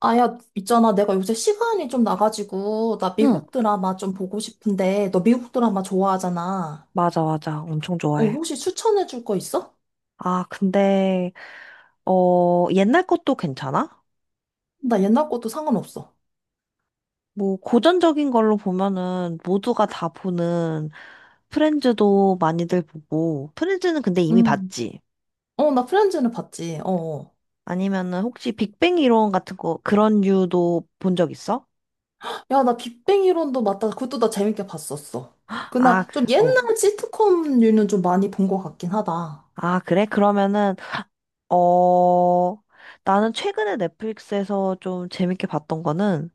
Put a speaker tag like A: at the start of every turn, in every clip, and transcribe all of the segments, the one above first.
A: 아, 야, 있잖아. 내가 요새 시간이 좀 나가지고, 나
B: 응,
A: 미국 드라마 좀 보고 싶은데, 너 미국 드라마 좋아하잖아.
B: 맞아, 맞아. 엄청
A: 어,
B: 좋아해.
A: 혹시 추천해줄 거 있어?
B: 아, 근데, 옛날 것도 괜찮아?
A: 나 옛날 것도 상관없어.
B: 뭐, 고전적인 걸로 보면은 모두가 다 보는 프렌즈도 많이들 보고, 프렌즈는 근데 이미
A: 음.
B: 봤지?
A: 어, 나 프렌즈는 봤지. 어. 어.
B: 아니면은 혹시 빅뱅 이론 같은 거, 그런 류도 본 적 있어?
A: 야, 나 빅뱅 이론도 맞다. 그것도 나 재밌게 봤었어.
B: 아,
A: 그나
B: 그,
A: 좀
B: 어.
A: 옛날 시트콤류는 좀 많이 본 것 같긴 하다.
B: 아, 그래? 그러면은, 어, 나는 최근에 넷플릭스에서 좀 재밌게 봤던 거는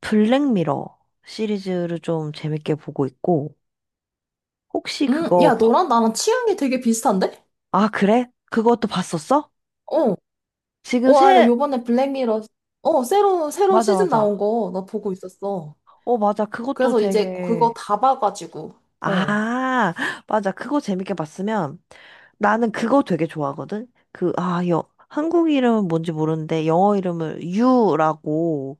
B: 블랙미러 시리즈를 좀 재밌게 보고 있고, 혹시 그거
A: 야,
B: 봐-
A: 너랑 나랑 취향이 되게 비슷한데?
B: 아 그래? 그것도 봤었어?
A: 어.
B: 지금
A: 와, 나
B: 새
A: 요번에 블랙미러, 어, 새로, 새로운
B: 맞아
A: 시즌 나온
B: 맞아.
A: 거 나 보고 있었어.
B: 어 맞아 그것도
A: 그래서 이제 그거
B: 되게.
A: 다 봐가지고, 어.
B: 아 맞아, 그거 재밌게 봤으면 나는 그거 되게 좋아하거든. 그, 아 여 한국 이름은 뭔지 모르는데 영어 이름을 유라고.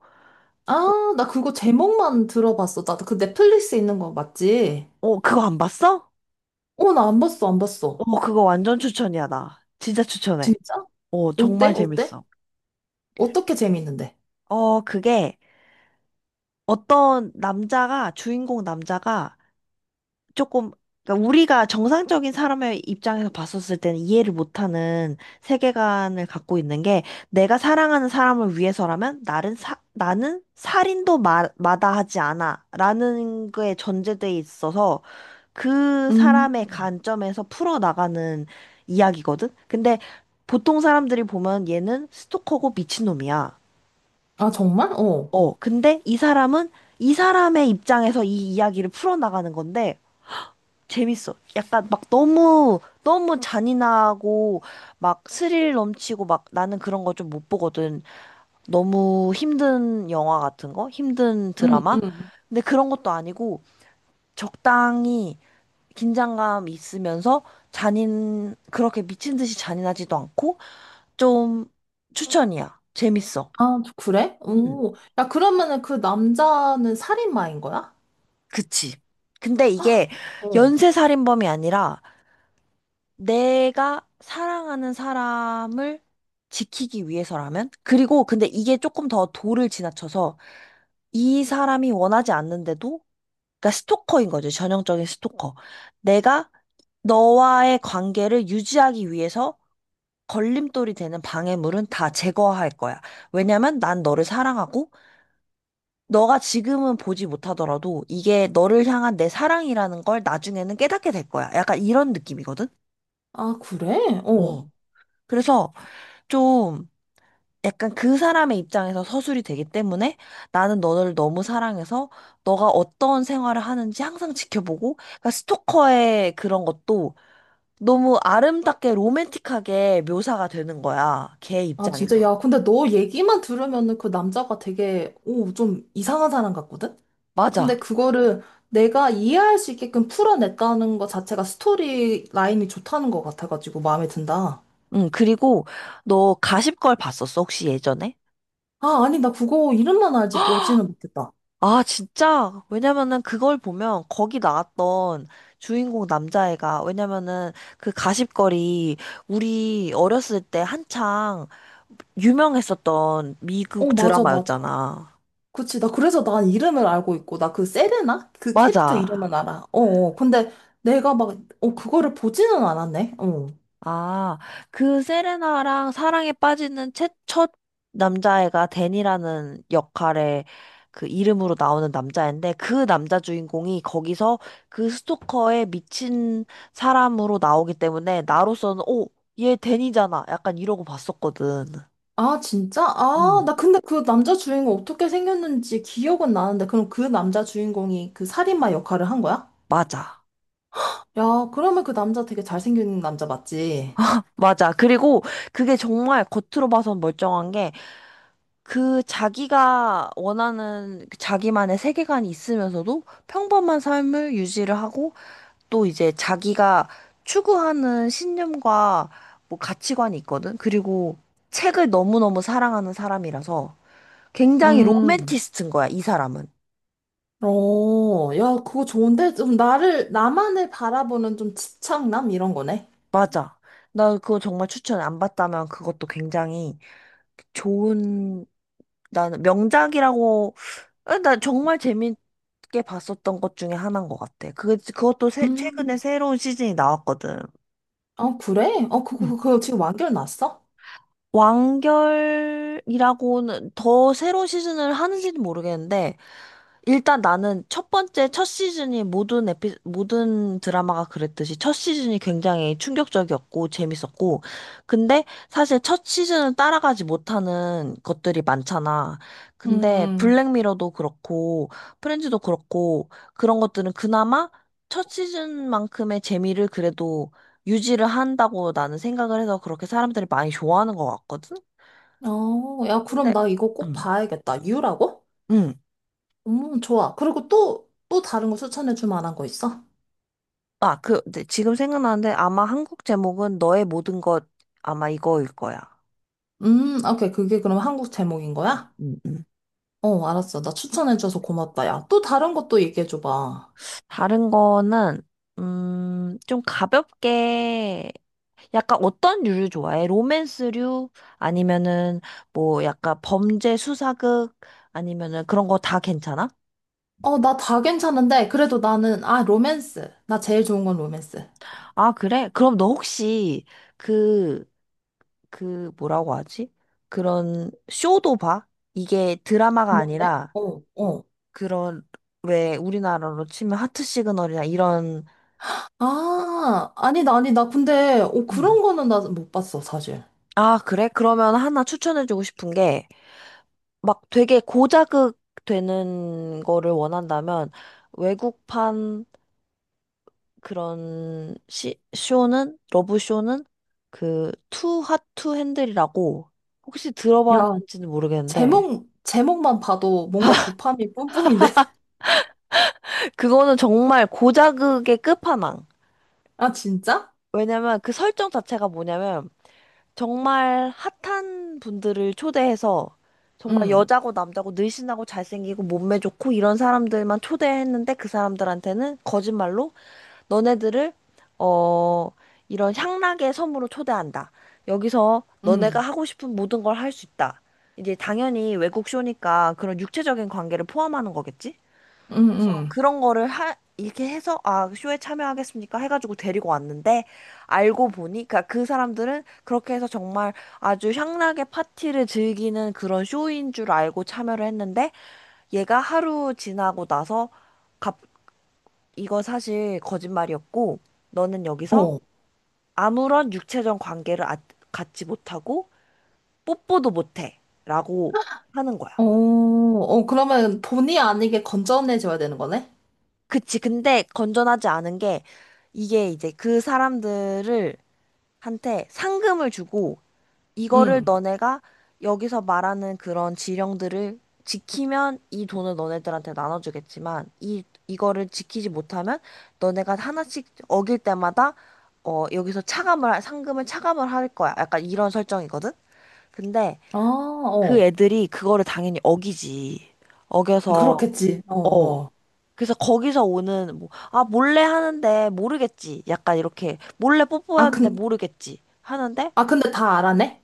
B: 어.
A: 아, 나 그거 제목만 들어봤어. 나 그 넷플릭스 있는 거 맞지?
B: 어, 그거 안 봤어?
A: 어, 나 안 봤어, 안 봤어.
B: 어, 그거 완전 추천이야. 나 진짜 추천해.
A: 진짜?
B: 어, 정말
A: 어때?
B: 재밌어.
A: 어떻게 재밌는데?
B: 그게, 어떤 남자가, 주인공 남자가 조금, 그러니까 우리가 정상적인 사람의 입장에서 봤었을 때는 이해를 못하는 세계관을 갖고 있는 게, 내가 사랑하는 사람을 위해서라면 나는 나는 살인도 마다하지 않아라는 거에 전제돼 있어서 그
A: 음.
B: 사람의 관점에서 풀어나가는 이야기거든. 근데 보통 사람들이 보면 얘는 스토커고 미친놈이야.
A: 아, 정말? 어.
B: 어, 근데 이 사람은, 이 사람의 입장에서 이 이야기를 풀어나가는 건데 재밌어. 약간 막 너무, 너무 잔인하고, 막 스릴 넘치고, 막 나는 그런 거 좀 못 보거든. 너무 힘든 영화 같은 거? 힘든
A: 응,
B: 드라마?
A: 응.
B: 근데 그런 것도 아니고, 적당히 긴장감 있으면서 그렇게 미친 듯이 잔인하지도 않고, 좀, 추천이야. 재밌어.
A: 아, 그래?
B: 응,
A: 오. 야, 그러면은 그 남자는 살인마인 거야?
B: 그치. 근데
A: 헉,
B: 이게
A: 어.
B: 연쇄살인범이 아니라, 내가 사랑하는 사람을 지키기 위해서라면? 그리고 근데 이게 조금 더 도를 지나쳐서 이 사람이 원하지 않는데도, 그러니까 스토커인 거죠. 전형적인 스토커. 내가 너와의 관계를 유지하기 위해서 걸림돌이 되는 방해물은 다 제거할 거야. 왜냐면 난 너를 사랑하고, 너가 지금은 보지 못하더라도 이게 너를 향한 내 사랑이라는 걸 나중에는 깨닫게 될 거야. 약간 이런 느낌이거든?
A: 아, 그래?
B: 어.
A: 어.
B: 그래서 좀, 약간 그 사람의 입장에서 서술이 되기 때문에, 나는 너를 너무 사랑해서 너가 어떤 생활을 하는지 항상 지켜보고, 그러니까 스토커의 그런 것도 너무 아름답게 로맨틱하게 묘사가 되는 거야. 걔
A: 아, 진짜,
B: 입장에서.
A: 야, 근데 너 얘기만 들으면은 그 남자가 되게, 오, 좀 이상한 사람 같거든?
B: 맞아.
A: 근데 그거를 내가 이해할 수 있게끔 풀어냈다는 것 자체가 스토리 라인이 좋다는 것 같아가지고 마음에 든다.
B: 응, 그리고 너 가십걸 봤었어? 혹시 예전에?
A: 아, 아니, 나 그거 이름만 알지 보지는 못했다.
B: 아, 진짜? 왜냐면은 그걸 보면 거기 나왔던 주인공 남자애가, 왜냐면은 그 가십걸이 우리 어렸을 때 한창 유명했었던
A: 어,
B: 미국
A: 맞아, 맞아.
B: 드라마였잖아.
A: 그치, 나 그래서 난 이름을 알고 있고, 나 그 세레나? 그 캐릭터
B: 맞아.
A: 이름은 알아. 어, 어. 근데 내가 막, 어, 그거를 보지는 않았네. 어.
B: 아, 그 세레나랑 사랑에 빠지는 첫 남자애가 데니라는 역할의 그 이름으로 나오는 남자인데, 그 남자 주인공이 거기서 그 스토커에 미친 사람으로 나오기 때문에 나로서는, 오, 얘 데니잖아, 약간 이러고 봤었거든.
A: 아, 진짜? 아,
B: 음.
A: 나 근데 그 남자 주인공 어떻게 생겼는지 기억은 나는데, 그럼 그 남자 주인공이 그 살인마 역할을 한 거야?
B: 맞아.
A: 야, 그러면 그 남자 되게 잘생긴 남자 맞지?
B: 맞아. 그리고 그게 정말 겉으로 봐선 멀쩡한 게, 그 자기가 원하는 그 자기만의 세계관이 있으면서도 평범한 삶을 유지를 하고, 또 이제 자기가 추구하는 신념과 뭐 가치관이 있거든. 그리고 책을 너무너무 사랑하는 사람이라서 굉장히
A: 음.
B: 로맨티스트인 거야, 이 사람은.
A: 어, 야, 그거 좋은데? 좀 나를, 나만을 바라보는 좀 집착남? 이런 거네.
B: 맞아. 나 그거 정말 추천, 안 봤다면 그것도 굉장히 좋은, 나는 명작이라고, 아, 나 정말 재밌게 봤었던 것 중에 하나인 것 같아. 그것도
A: 음.
B: 최근에 새로운 시즌이 나왔거든.
A: 아, 그래? 어,
B: 음.
A: 그거 지금 완결 났어?
B: 완결이라고는 더 새로운 시즌을 하는지는 모르겠는데, 일단 나는 첫 번째, 첫 시즌이, 모든 모든 드라마가 그랬듯이 첫 시즌이 굉장히 충격적이었고 재밌었고, 근데 사실 첫 시즌을 따라가지 못하는 것들이 많잖아. 근데
A: 음.
B: 블랙미러도 그렇고, 프렌즈도 그렇고, 그런 것들은 그나마 첫 시즌만큼의 재미를 그래도 유지를 한다고 나는 생각을 해서 그렇게 사람들이 많이 좋아하는 것 같거든?
A: 어, 야, 그럼
B: 근데,
A: 나 이거 꼭
B: 음.
A: 봐야겠다. 유라고?
B: 음.
A: 좋아. 그리고 또, 또 다른 거 추천해 줄 만한 거 있어?
B: 아, 그, 네, 지금 생각나는데 아마 한국 제목은 너의 모든 것, 아마 이거일 거야.
A: 아, 오케이. 그게 그럼 한국 제목인 거야?
B: 음, 음.
A: 어, 알았어. 나 추천해줘서 고맙다. 야, 또 다른 것도 얘기해줘봐.
B: 다른 거는, 좀 가볍게, 약간 어떤 류를 좋아해? 로맨스류? 아니면은 뭐 약간 범죄 수사극? 아니면은 그런 거 다 괜찮아?
A: 어, 나 다 괜찮은데, 그래도 나는, 아, 로맨스. 나 제일 좋은 건 로맨스.
B: 아, 그래? 그럼 너 혹시 그, 뭐라고 하지? 그런 쇼도 봐? 이게 드라마가
A: 뭔데?
B: 아니라
A: 어, 어.
B: 그런, 왜 우리나라로 치면 하트 시그널이나 이런.
A: 아, 아니, 나, 아니, 나 근데, 어,
B: 음.
A: 그런 거는 나 못 봤어, 사실.
B: 아, 그래? 그러면 하나 추천해주고 싶은 게, 막 되게 고자극 되는 거를 원한다면, 외국판 그런 쇼는, 러브쇼는, 그, 투 핫투 핸들이라고, 혹시
A: 야,
B: 들어봤는지는 모르겠는데,
A: 제목만 봐도 뭔가 도파민 뿜뿜인데?
B: 그거는 정말 고자극의 끝판왕.
A: 아, 진짜?
B: 왜냐면 그 설정 자체가 뭐냐면, 정말 핫한 분들을 초대해서, 정말
A: 응,
B: 여자고 남자고 늘씬하고 잘생기고 몸매 좋고 이런 사람들만 초대했는데, 그 사람들한테는 거짓말로, 너네들을 어 이런 향락의 섬으로 초대한다. 여기서 너네가
A: 응,
B: 하고 싶은 모든 걸 할 수 있다. 이제 당연히 외국 쇼니까 그런 육체적인 관계를 포함하는 거겠지?
A: 응, 응.
B: 그런 거를 이렇게 해서, 아, 쇼에 참여하겠습니까? 해가지고 데리고 왔는데, 알고 보니, 그니까 그 사람들은 그렇게 해서 정말 아주 향락의 파티를 즐기는 그런 쇼인 줄 알고 참여를 했는데, 얘가 하루 지나고 나서, 갑, 이거 사실 거짓말이었고, 너는 여기서
A: 어,
B: 아무런 육체적 관계를 갖지 못하고, 뽀뽀도 못해. 라고 하는 거야.
A: 어, 그러면 본의 아니게 건전해져야 되는 거네?
B: 그치. 근데 건전하지 않은 게, 이게 이제 그 사람들을 한테 상금을 주고, 이거를
A: 응.
B: 너네가 여기서 말하는 그런 지령들을 지키면 이 돈을 너네들한테 나눠주겠지만, 이 이거를 지키지 못하면 너네가 하나씩 어길 때마다, 여기서 상금을 차감을 할 거야. 약간 이런 설정이거든. 근데
A: 아,
B: 그
A: 어.
B: 애들이 그거를 당연히 어기지. 어겨서,
A: 그렇겠지. 어,
B: 어
A: 어.
B: 그래서 거기서 오는, 뭐, 몰래 하는데 모르겠지. 약간 이렇게 몰래
A: 아,
B: 뽀뽀하는데
A: 근,
B: 모르겠지. 하는데.
A: 아, 근데 다 알아내?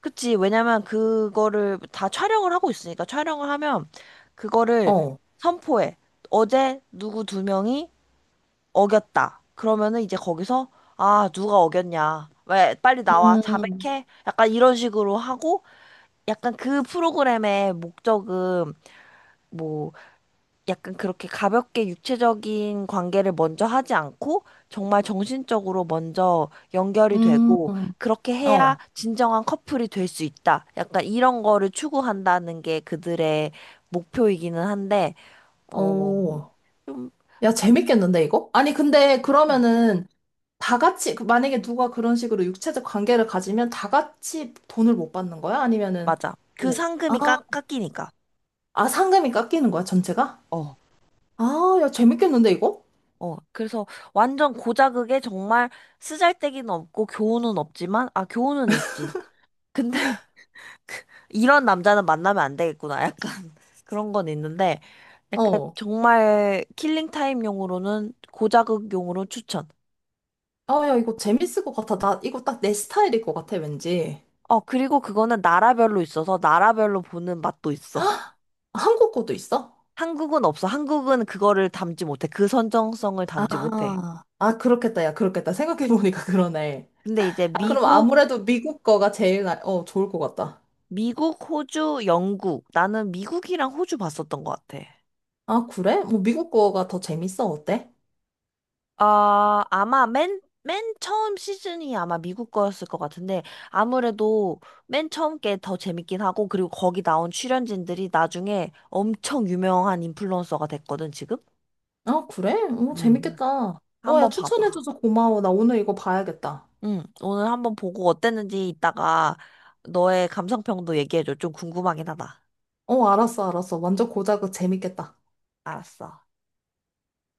B: 그치. 왜냐면 그거를 다 촬영을 하고 있으니까, 촬영을 하면 그거를
A: 어.
B: 선포해. 어제 누구 두 명이 어겼다. 그러면은 이제 거기서, 아, 누가 어겼냐. 왜 빨리 나와.
A: 음,
B: 자백해. 약간 이런 식으로 하고, 약간 그 프로그램의 목적은, 뭐 약간 그렇게 가볍게 육체적인 관계를 먼저 하지 않고 정말 정신적으로 먼저 연결이
A: 음,
B: 되고, 그렇게 해야
A: 어,
B: 진정한 커플이 될 수 있다, 약간 이런 거를 추구한다는 게 그들의 목표이기는 한데, 어,
A: 어.
B: 좀,
A: 야, 재밌겠는데, 이거? 아니, 근데
B: 음,
A: 그러면은 다 같이, 그 만약에 누가 그런 식으로 육체적 관계를 가지면 다 같이 돈을 못 받는 거야? 아니면은,
B: 맞아. 그
A: 어. 아,
B: 상금이 깎이니까.
A: 아, 상금이 깎이는 거야, 전체가?
B: 어.
A: 아, 야, 재밌겠는데, 이거?
B: 어, 그래서 완전 고자극에 정말 쓰잘데기는 없고 교훈은 없지만, 아, 교훈은 있지. 근데 이런 남자는 만나면 안 되겠구나. 약간 그런 건 있는데, 약간
A: 어.
B: 정말 킬링 타임용으로는 고자극용으로 추천.
A: 아, 야, 이거 재밌을 것 같아. 나, 이거 딱 내 스타일일 것 같아, 왠지.
B: 어, 그리고 그거는 나라별로 있어서 나라별로 보는 맛도 있어.
A: 한국 거도 있어?
B: 한국은 없어. 한국은 그거를 담지 못해. 그 선정성을 담지 못해.
A: 아, 아, 그렇겠다. 야, 그렇겠다. 생각해보니까 그러네.
B: 근데 이제
A: 아, 그럼 아무래도 미국 거가 제일, 나- 어, 좋을 것 같다.
B: 미국, 호주, 영국. 나는 미국이랑 호주 봤었던 것 같아.
A: 아, 그래? 뭐, 미국 거가 더 재밌어? 어때?
B: 아, 아마 맨 처음 시즌이 아마 미국 거였을 것 같은데, 아무래도 맨 처음 게 더 재밌긴 하고, 그리고 거기 나온 출연진들이 나중에 엄청 유명한 인플루언서가 됐거든, 지금?
A: 아, 그래? 어,
B: 음,
A: 재밌겠다. 어, 야,
B: 한번 봐봐.
A: 추천해줘서 고마워. 나 오늘 이거 봐야겠다.
B: 오늘 한번 보고 어땠는지 이따가 너의 감상평도 얘기해줘. 좀 궁금하긴 하다.
A: 어, 알았어. 완전 고작은 재밌겠다.
B: 알았어.